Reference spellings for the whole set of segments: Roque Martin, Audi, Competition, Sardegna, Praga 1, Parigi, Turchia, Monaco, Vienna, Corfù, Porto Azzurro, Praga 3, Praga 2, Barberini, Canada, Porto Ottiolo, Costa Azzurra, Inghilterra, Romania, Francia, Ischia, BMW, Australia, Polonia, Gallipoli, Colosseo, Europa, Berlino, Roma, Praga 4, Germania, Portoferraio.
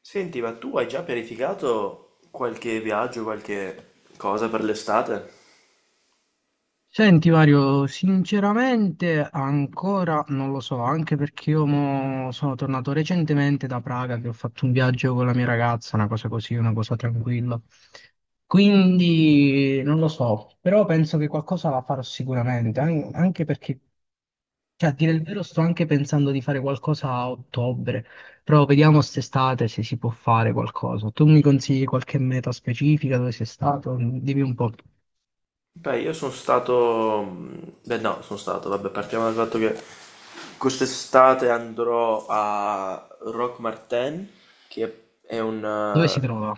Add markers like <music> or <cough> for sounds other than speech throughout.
Senti, ma tu hai già pianificato qualche viaggio, qualche cosa per l'estate? Senti Mario, sinceramente ancora non lo so, anche perché io mo sono tornato recentemente da Praga che ho fatto un viaggio con la mia ragazza, una cosa così, una cosa tranquilla. Quindi non lo so, però penso che qualcosa la farò sicuramente, anche perché, cioè a dire il vero, sto anche pensando di fare qualcosa a ottobre, però vediamo quest'estate se si può fare qualcosa. Tu mi consigli qualche meta specifica dove sei stato? Dimmi un po'. Beh, io sono stato... Beh, no, sono stato, vabbè, partiamo dal fatto che quest'estate andrò a Roque Martin, che è Dove si un... trova?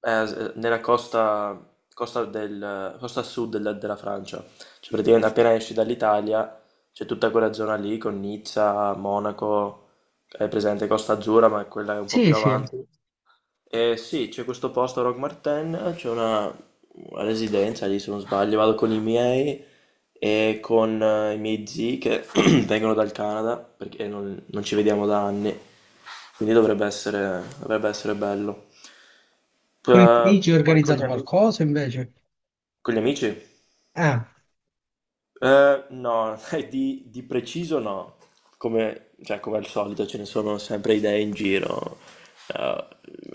è nella costa, costa sud della Francia. Cioè, praticamente appena esci dall'Italia c'è tutta quella zona lì con Nizza, Monaco, è presente Costa Azzurra, ma quella è un po' Sì, più sì. avanti. Sì, c'è questo posto a Rock Martin, c'è una residenza lì se non sbaglio, vado con i miei e con i miei zii che <clears throat> vengono dal Canada perché non ci vediamo da anni, quindi dovrebbe essere bello. Parigi hai Poi con organizzato gli amici, qualcosa invece? con gli amici? Ah, No, <laughs> di preciso no, come al solito ce ne sono sempre idee in giro. Eh,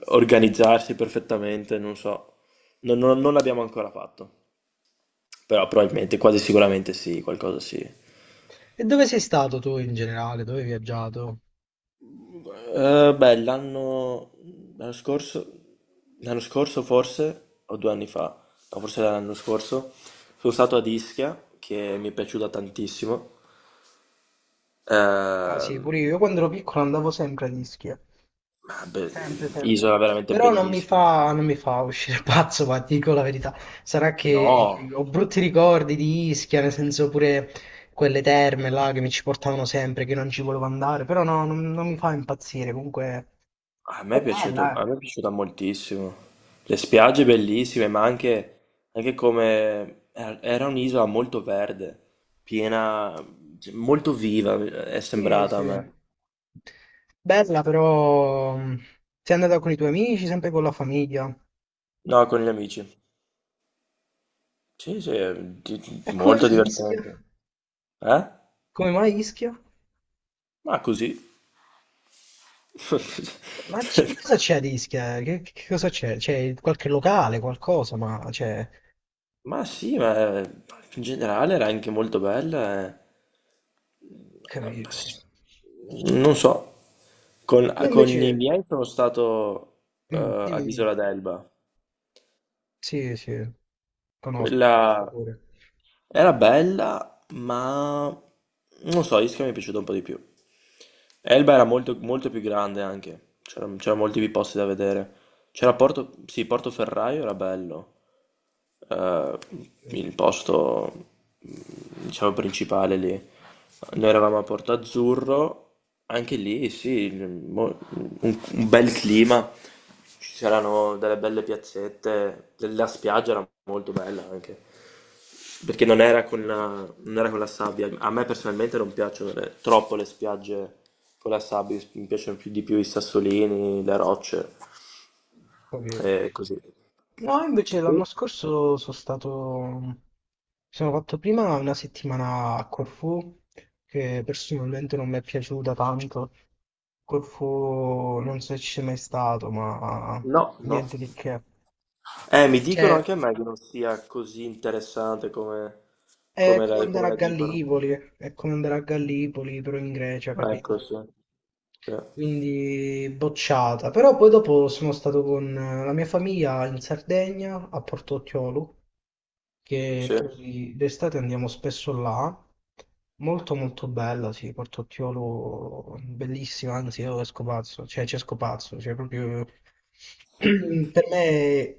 organizzarsi perfettamente, non so, non l'abbiamo ancora fatto, però probabilmente, quasi sicuramente sì, qualcosa sì. E dove sei stato tu in generale? Dove hai viaggiato? Beh, l'anno scorso, l'anno scorso forse, o due anni fa, no, forse era l'anno scorso, sono stato ad Ischia, che mi è piaciuta tantissimo. Ah sì, Ehm, pure io. Io quando ero piccolo andavo sempre a Ischia. Ah, Sempre, sempre. isola veramente Però non mi bellissima. fa, non mi fa uscire <laughs> pazzo, ma ti dico la verità. Sarà che No, ho brutti ricordi di Ischia, nel senso pure quelle terme là che mi ci portavano sempre, che non ci volevo andare. Però no, non mi fa impazzire. Comunque, a me è è piaciuto, bella, eh. a me è piaciuta moltissimo. Le spiagge bellissime, ma anche, anche come era un'isola molto verde, piena, cioè, molto viva, è Sì, sembrata sì. a me. Bella però, sei andata con i tuoi amici, sempre con la famiglia. No, con gli amici. Sì, sì, è E come molto mai Ischia? divertente. Eh? Come mai Ischia? Ma così. Ma che cosa <laughs> c'è ad Ischia? Che cosa c'è? C'è qualche locale, qualcosa, ma c'è. Ma sì, ma in generale era anche molto bella, eh. Capito. Non so, Io con invece. i miei sono stato eh, Mm, dimmi, ad dimmi. Isola d'Elba. Sì, sì, conosco, conosco Quella era bella, ma non so, Ischia mi è piaciuta un po' di più. Elba era molto, molto più grande anche, c'erano molti più posti da vedere. C'era Porto, sì, Portoferraio era bello. Eh, pure. il posto, mm, diciamo, principale lì. Noi eravamo a Porto Azzurro, anche lì, sì, un bel clima. Ci C'erano delle belle piazzette, la spiaggia era molto bella anche, perché non era con la sabbia. A me personalmente non piacciono troppo le spiagge con la sabbia, mi piacciono più di più i sassolini, le rocce. Capito. È così. No, invece l'anno Sì. scorso sono stato, mi sono fatto prima una settimana a Corfù, che personalmente non mi è piaciuta tanto. Corfù non so se ci sei mai stato, ma No, no. niente di che. Mi dicono Cioè, anche a me che non sia così interessante come, è come come andare a la dicono. Gallipoli, è come andare a Gallipoli, però in Grecia, capito? Ecco, sì. Cioè, Quindi bocciata. Però poi dopo sono stato con la mia famiglia in Sardegna, a Porto Ottiolo, che sì. noi d'estate andiamo spesso là. Molto molto bella, sì, Porto Ottiolo, bellissima, anzi io esco pazzo, cioè ci esco pazzo, cioè proprio <clears throat> per me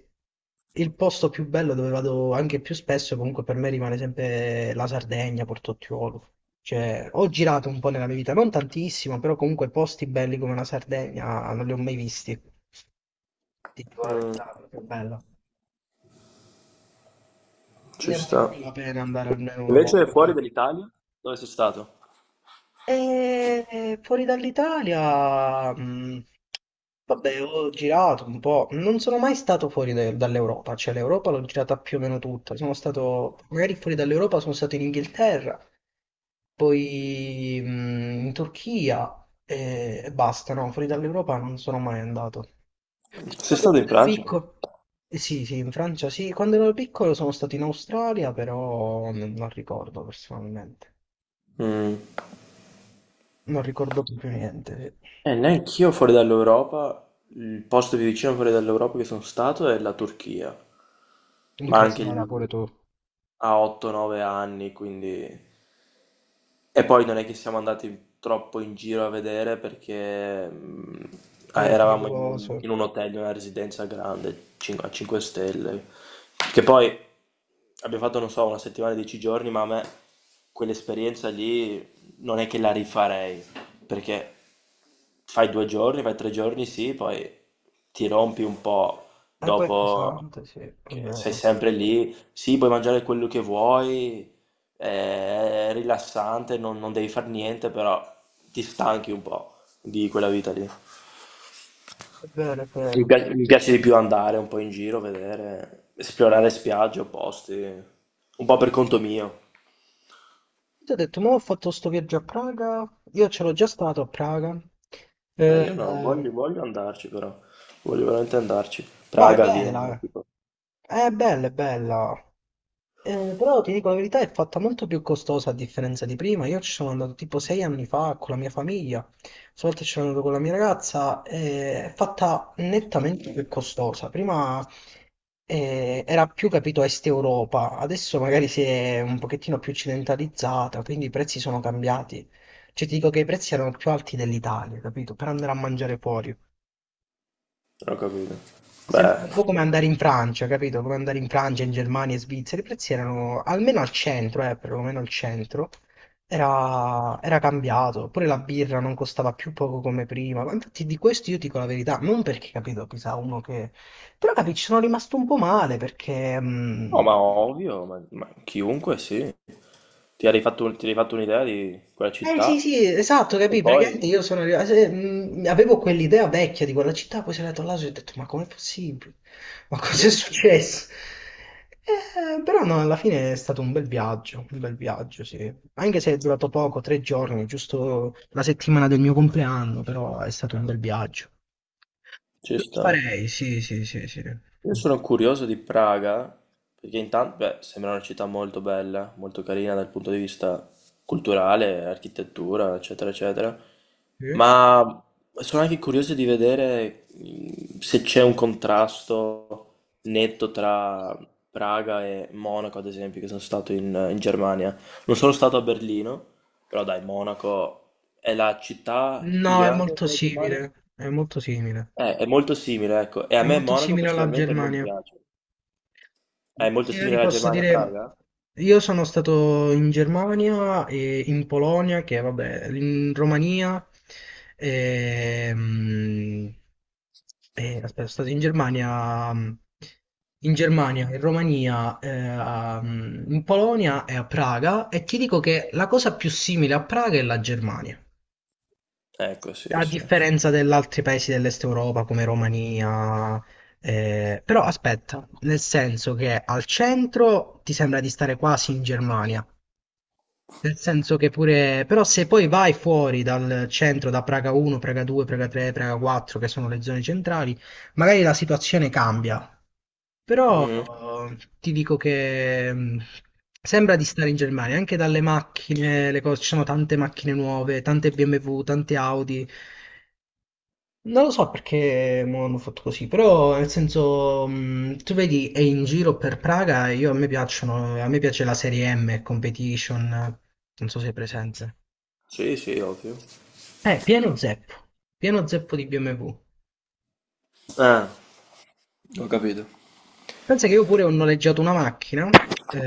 il posto più bello dove vado anche più spesso, comunque per me rimane sempre la Sardegna, Portottiolo. Cioè, ho girato un po' nella mia vita, non tantissimo, però comunque posti belli come la Sardegna non li ho mai visti. Ti dico la Mm, verità, è proprio bella. ci Ne vale sta. più la pena andare almeno una Invece volta. fuori dall'Italia, dove sei stato? E fuori dall'Italia, vabbè, ho girato un po', non sono mai stato dall'Europa, cioè l'Europa l'ho girata più o meno tutta, sono stato, magari fuori dall'Europa sono stato in Inghilterra, poi in Turchia e basta, no, fuori dall'Europa non sono mai andato. Sono Sei stato stato in quando ero Francia? piccolo. Sì, sì, in Francia sì, quando ero piccolo sono stato in Australia, però non ricordo personalmente, Mm. non ricordo più niente. Sì. Neanch'io fuori dall'Europa, il posto più vicino fuori dall'Europa che sono stato è la Turchia, Il ma anche crociera lì pure tu. a 8-9 anni, quindi. E poi non è che siamo andati troppo in giro a vedere perché È eravamo in pericoloso. in un hotel, in una residenza grande, a 5 stelle, che poi abbiamo fatto, non so, una settimana, 10 giorni, ma a me quell'esperienza lì non è che la rifarei, perché fai due giorni, fai tre giorni, sì, poi ti rompi un po' E poi è dopo pesante, sì, è che sei vero. sempre lì, sì, puoi mangiare quello che vuoi, è rilassante, non devi fare niente, però ti stanchi un po' di quella vita lì. È vero, è vero. Mi piace di più andare un po' in giro, vedere, esplorare spiagge o posti, un po' per conto mio. Ti ho detto, ma ho fatto sto viaggio a Praga. Io ce l'ho già stato a Praga. Ma Eh, io no, voglio, eh, voglio andarci però, voglio veramente andarci. ma è Praga, Vienna, bella. Eh. tipo, È bella, è bella. Però ti dico la verità, è fatta molto più costosa a differenza di prima. Io ci sono andato tipo sei anni fa con la mia famiglia, stavolta ci sono andato con la mia ragazza, è fatta nettamente più costosa. Prima era più capito Est Europa, adesso magari si è un pochettino più occidentalizzata, quindi i prezzi sono cambiati. Cioè ti dico che i prezzi erano più alti dell'Italia, capito? Per andare a mangiare fuori. non ho capito. Beh, Sembra un po' come andare in Francia, capito? Come andare in Francia, in Germania, in Svizzera. I prezzi erano, almeno al centro, perlomeno al centro, era cambiato. Pure la birra non costava più poco come prima. Ma infatti di questo io dico la verità, non perché, capito, chissà uno che. Però, capi, ci sono rimasto un po' male perché. no, ma ovvio, ma chiunque sì. Ti eri fatto un'idea di quella Eh sì, sì, città esatto, e capì, poi... praticamente io sono arrivato, avevo quell'idea vecchia di quella città, poi sono andato là e ho detto, ma com'è possibile? Ma Sì, cos'è sì, successo? Però no, alla fine è stato un bel viaggio, sì. Anche se è durato poco, tre giorni, giusto la settimana del mio compleanno, però è stato un bel viaggio. ci Lo sta. farei, sì, sì, sì, sì. Io sono curioso di Praga, perché intanto, beh, sembra una città molto bella, molto carina dal punto di vista culturale, architettura, eccetera, eccetera, Sì. ma sono anche curioso di vedere se c'è un contrasto netto tra Praga e Monaco, ad esempio, che sono stato in Germania. Non sono stato a Berlino, però dai, Monaco è la città più No, è grande molto della Germania. simile, è molto simile. È molto simile, ecco, e a È me molto Monaco simile alla personalmente non Germania. piace. È molto Io simile ti alla posso Germania a dire, Praga? io sono stato in Germania e in Polonia, che vabbè, in Romania, e, mm, aspetta, sono stato in Germania, in Romania, in Polonia e a Praga, e ti dico che la cosa più simile a Praga è la Germania. Ecco, sì, A sì. differenza degli altri paesi dell'Est Europa come Romania, però aspetta, nel senso che al centro ti sembra di stare quasi in Germania, nel senso che pure, però se poi vai fuori dal centro, da Praga 1, Praga 2, Praga 3, Praga 4, che sono le zone centrali, magari la situazione cambia, però Mm. Ti dico che sembra di stare in Germania, anche dalle macchine, le cose, ci sono tante macchine nuove, tante BMW, tante Audi. Non lo so perché mo hanno fatto così, però nel senso, tu vedi, è in giro per Praga e io a me piacciono, a me piace la serie M, Competition, non so se è presente. Sì, sì, ovvio. Eh, pieno zeppo, pieno zeppo di BMW. Ah, ho capito. Pensa che io pure ho noleggiato una macchina,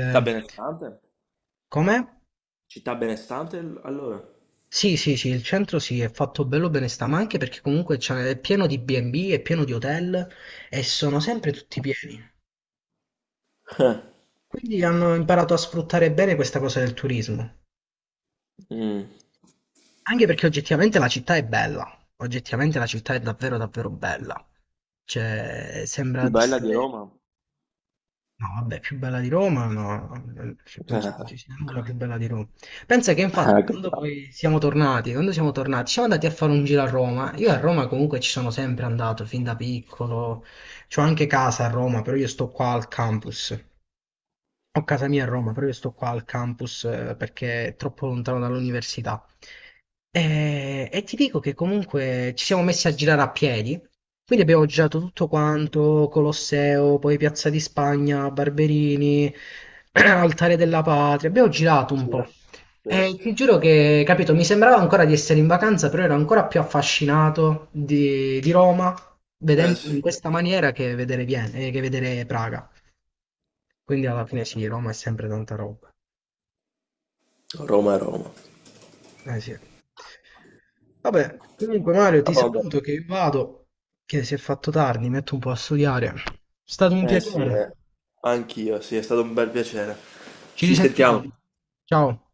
Città benestante? com'è? Città benestante, allora? Sì, sì, sì, il centro sì, è fatto bello bene sta, ma anche perché comunque è pieno di B&B, è pieno di hotel e sono sempre tutti pieni. <laughs> Eh, Quindi hanno imparato a sfruttare bene questa cosa del turismo. mm. Anche perché oggettivamente la città è bella, oggettivamente la città è davvero davvero bella, cioè sembra Più di bella di essere, Roma? no vabbè, più bella di Roma, no, cioè, penso che non <laughs> ci sia nulla più bella di Roma. Pensa che Ah, infatti ah, quando capiamo. poi siamo tornati, quando siamo tornati, siamo andati a fare un giro a Roma, io a Roma comunque ci sono sempre andato, fin da piccolo, c'ho anche casa a Roma, però io sto qua al campus, ho casa mia a Roma, però io sto qua al campus perché è troppo lontano dall'università. E ti dico che comunque ci siamo messi a girare a piedi, quindi abbiamo girato tutto quanto, Colosseo, poi Piazza di Spagna, Barberini, <clears throat> Altare della Patria, abbiamo girato un Sì, po'. sì. E ti giuro che, capito, mi sembrava ancora di essere in vacanza, però ero ancora più affascinato di Roma, Eh vedendo sì, in questa maniera che vedere che vedere Praga. Quindi alla fine sì, Roma è sempre tanta roba. Roma è Roma. Eh sì. Vabbè, comunque Mario Ah, ti vabbè. saluto che vado, che si è fatto tardi, mi metto un po' a studiare. È stato un Eh sì, piacere. dai. Anch'io, sì, è stato un bel piacere. Ci Ci sentiamo. risentiamo. Ciao.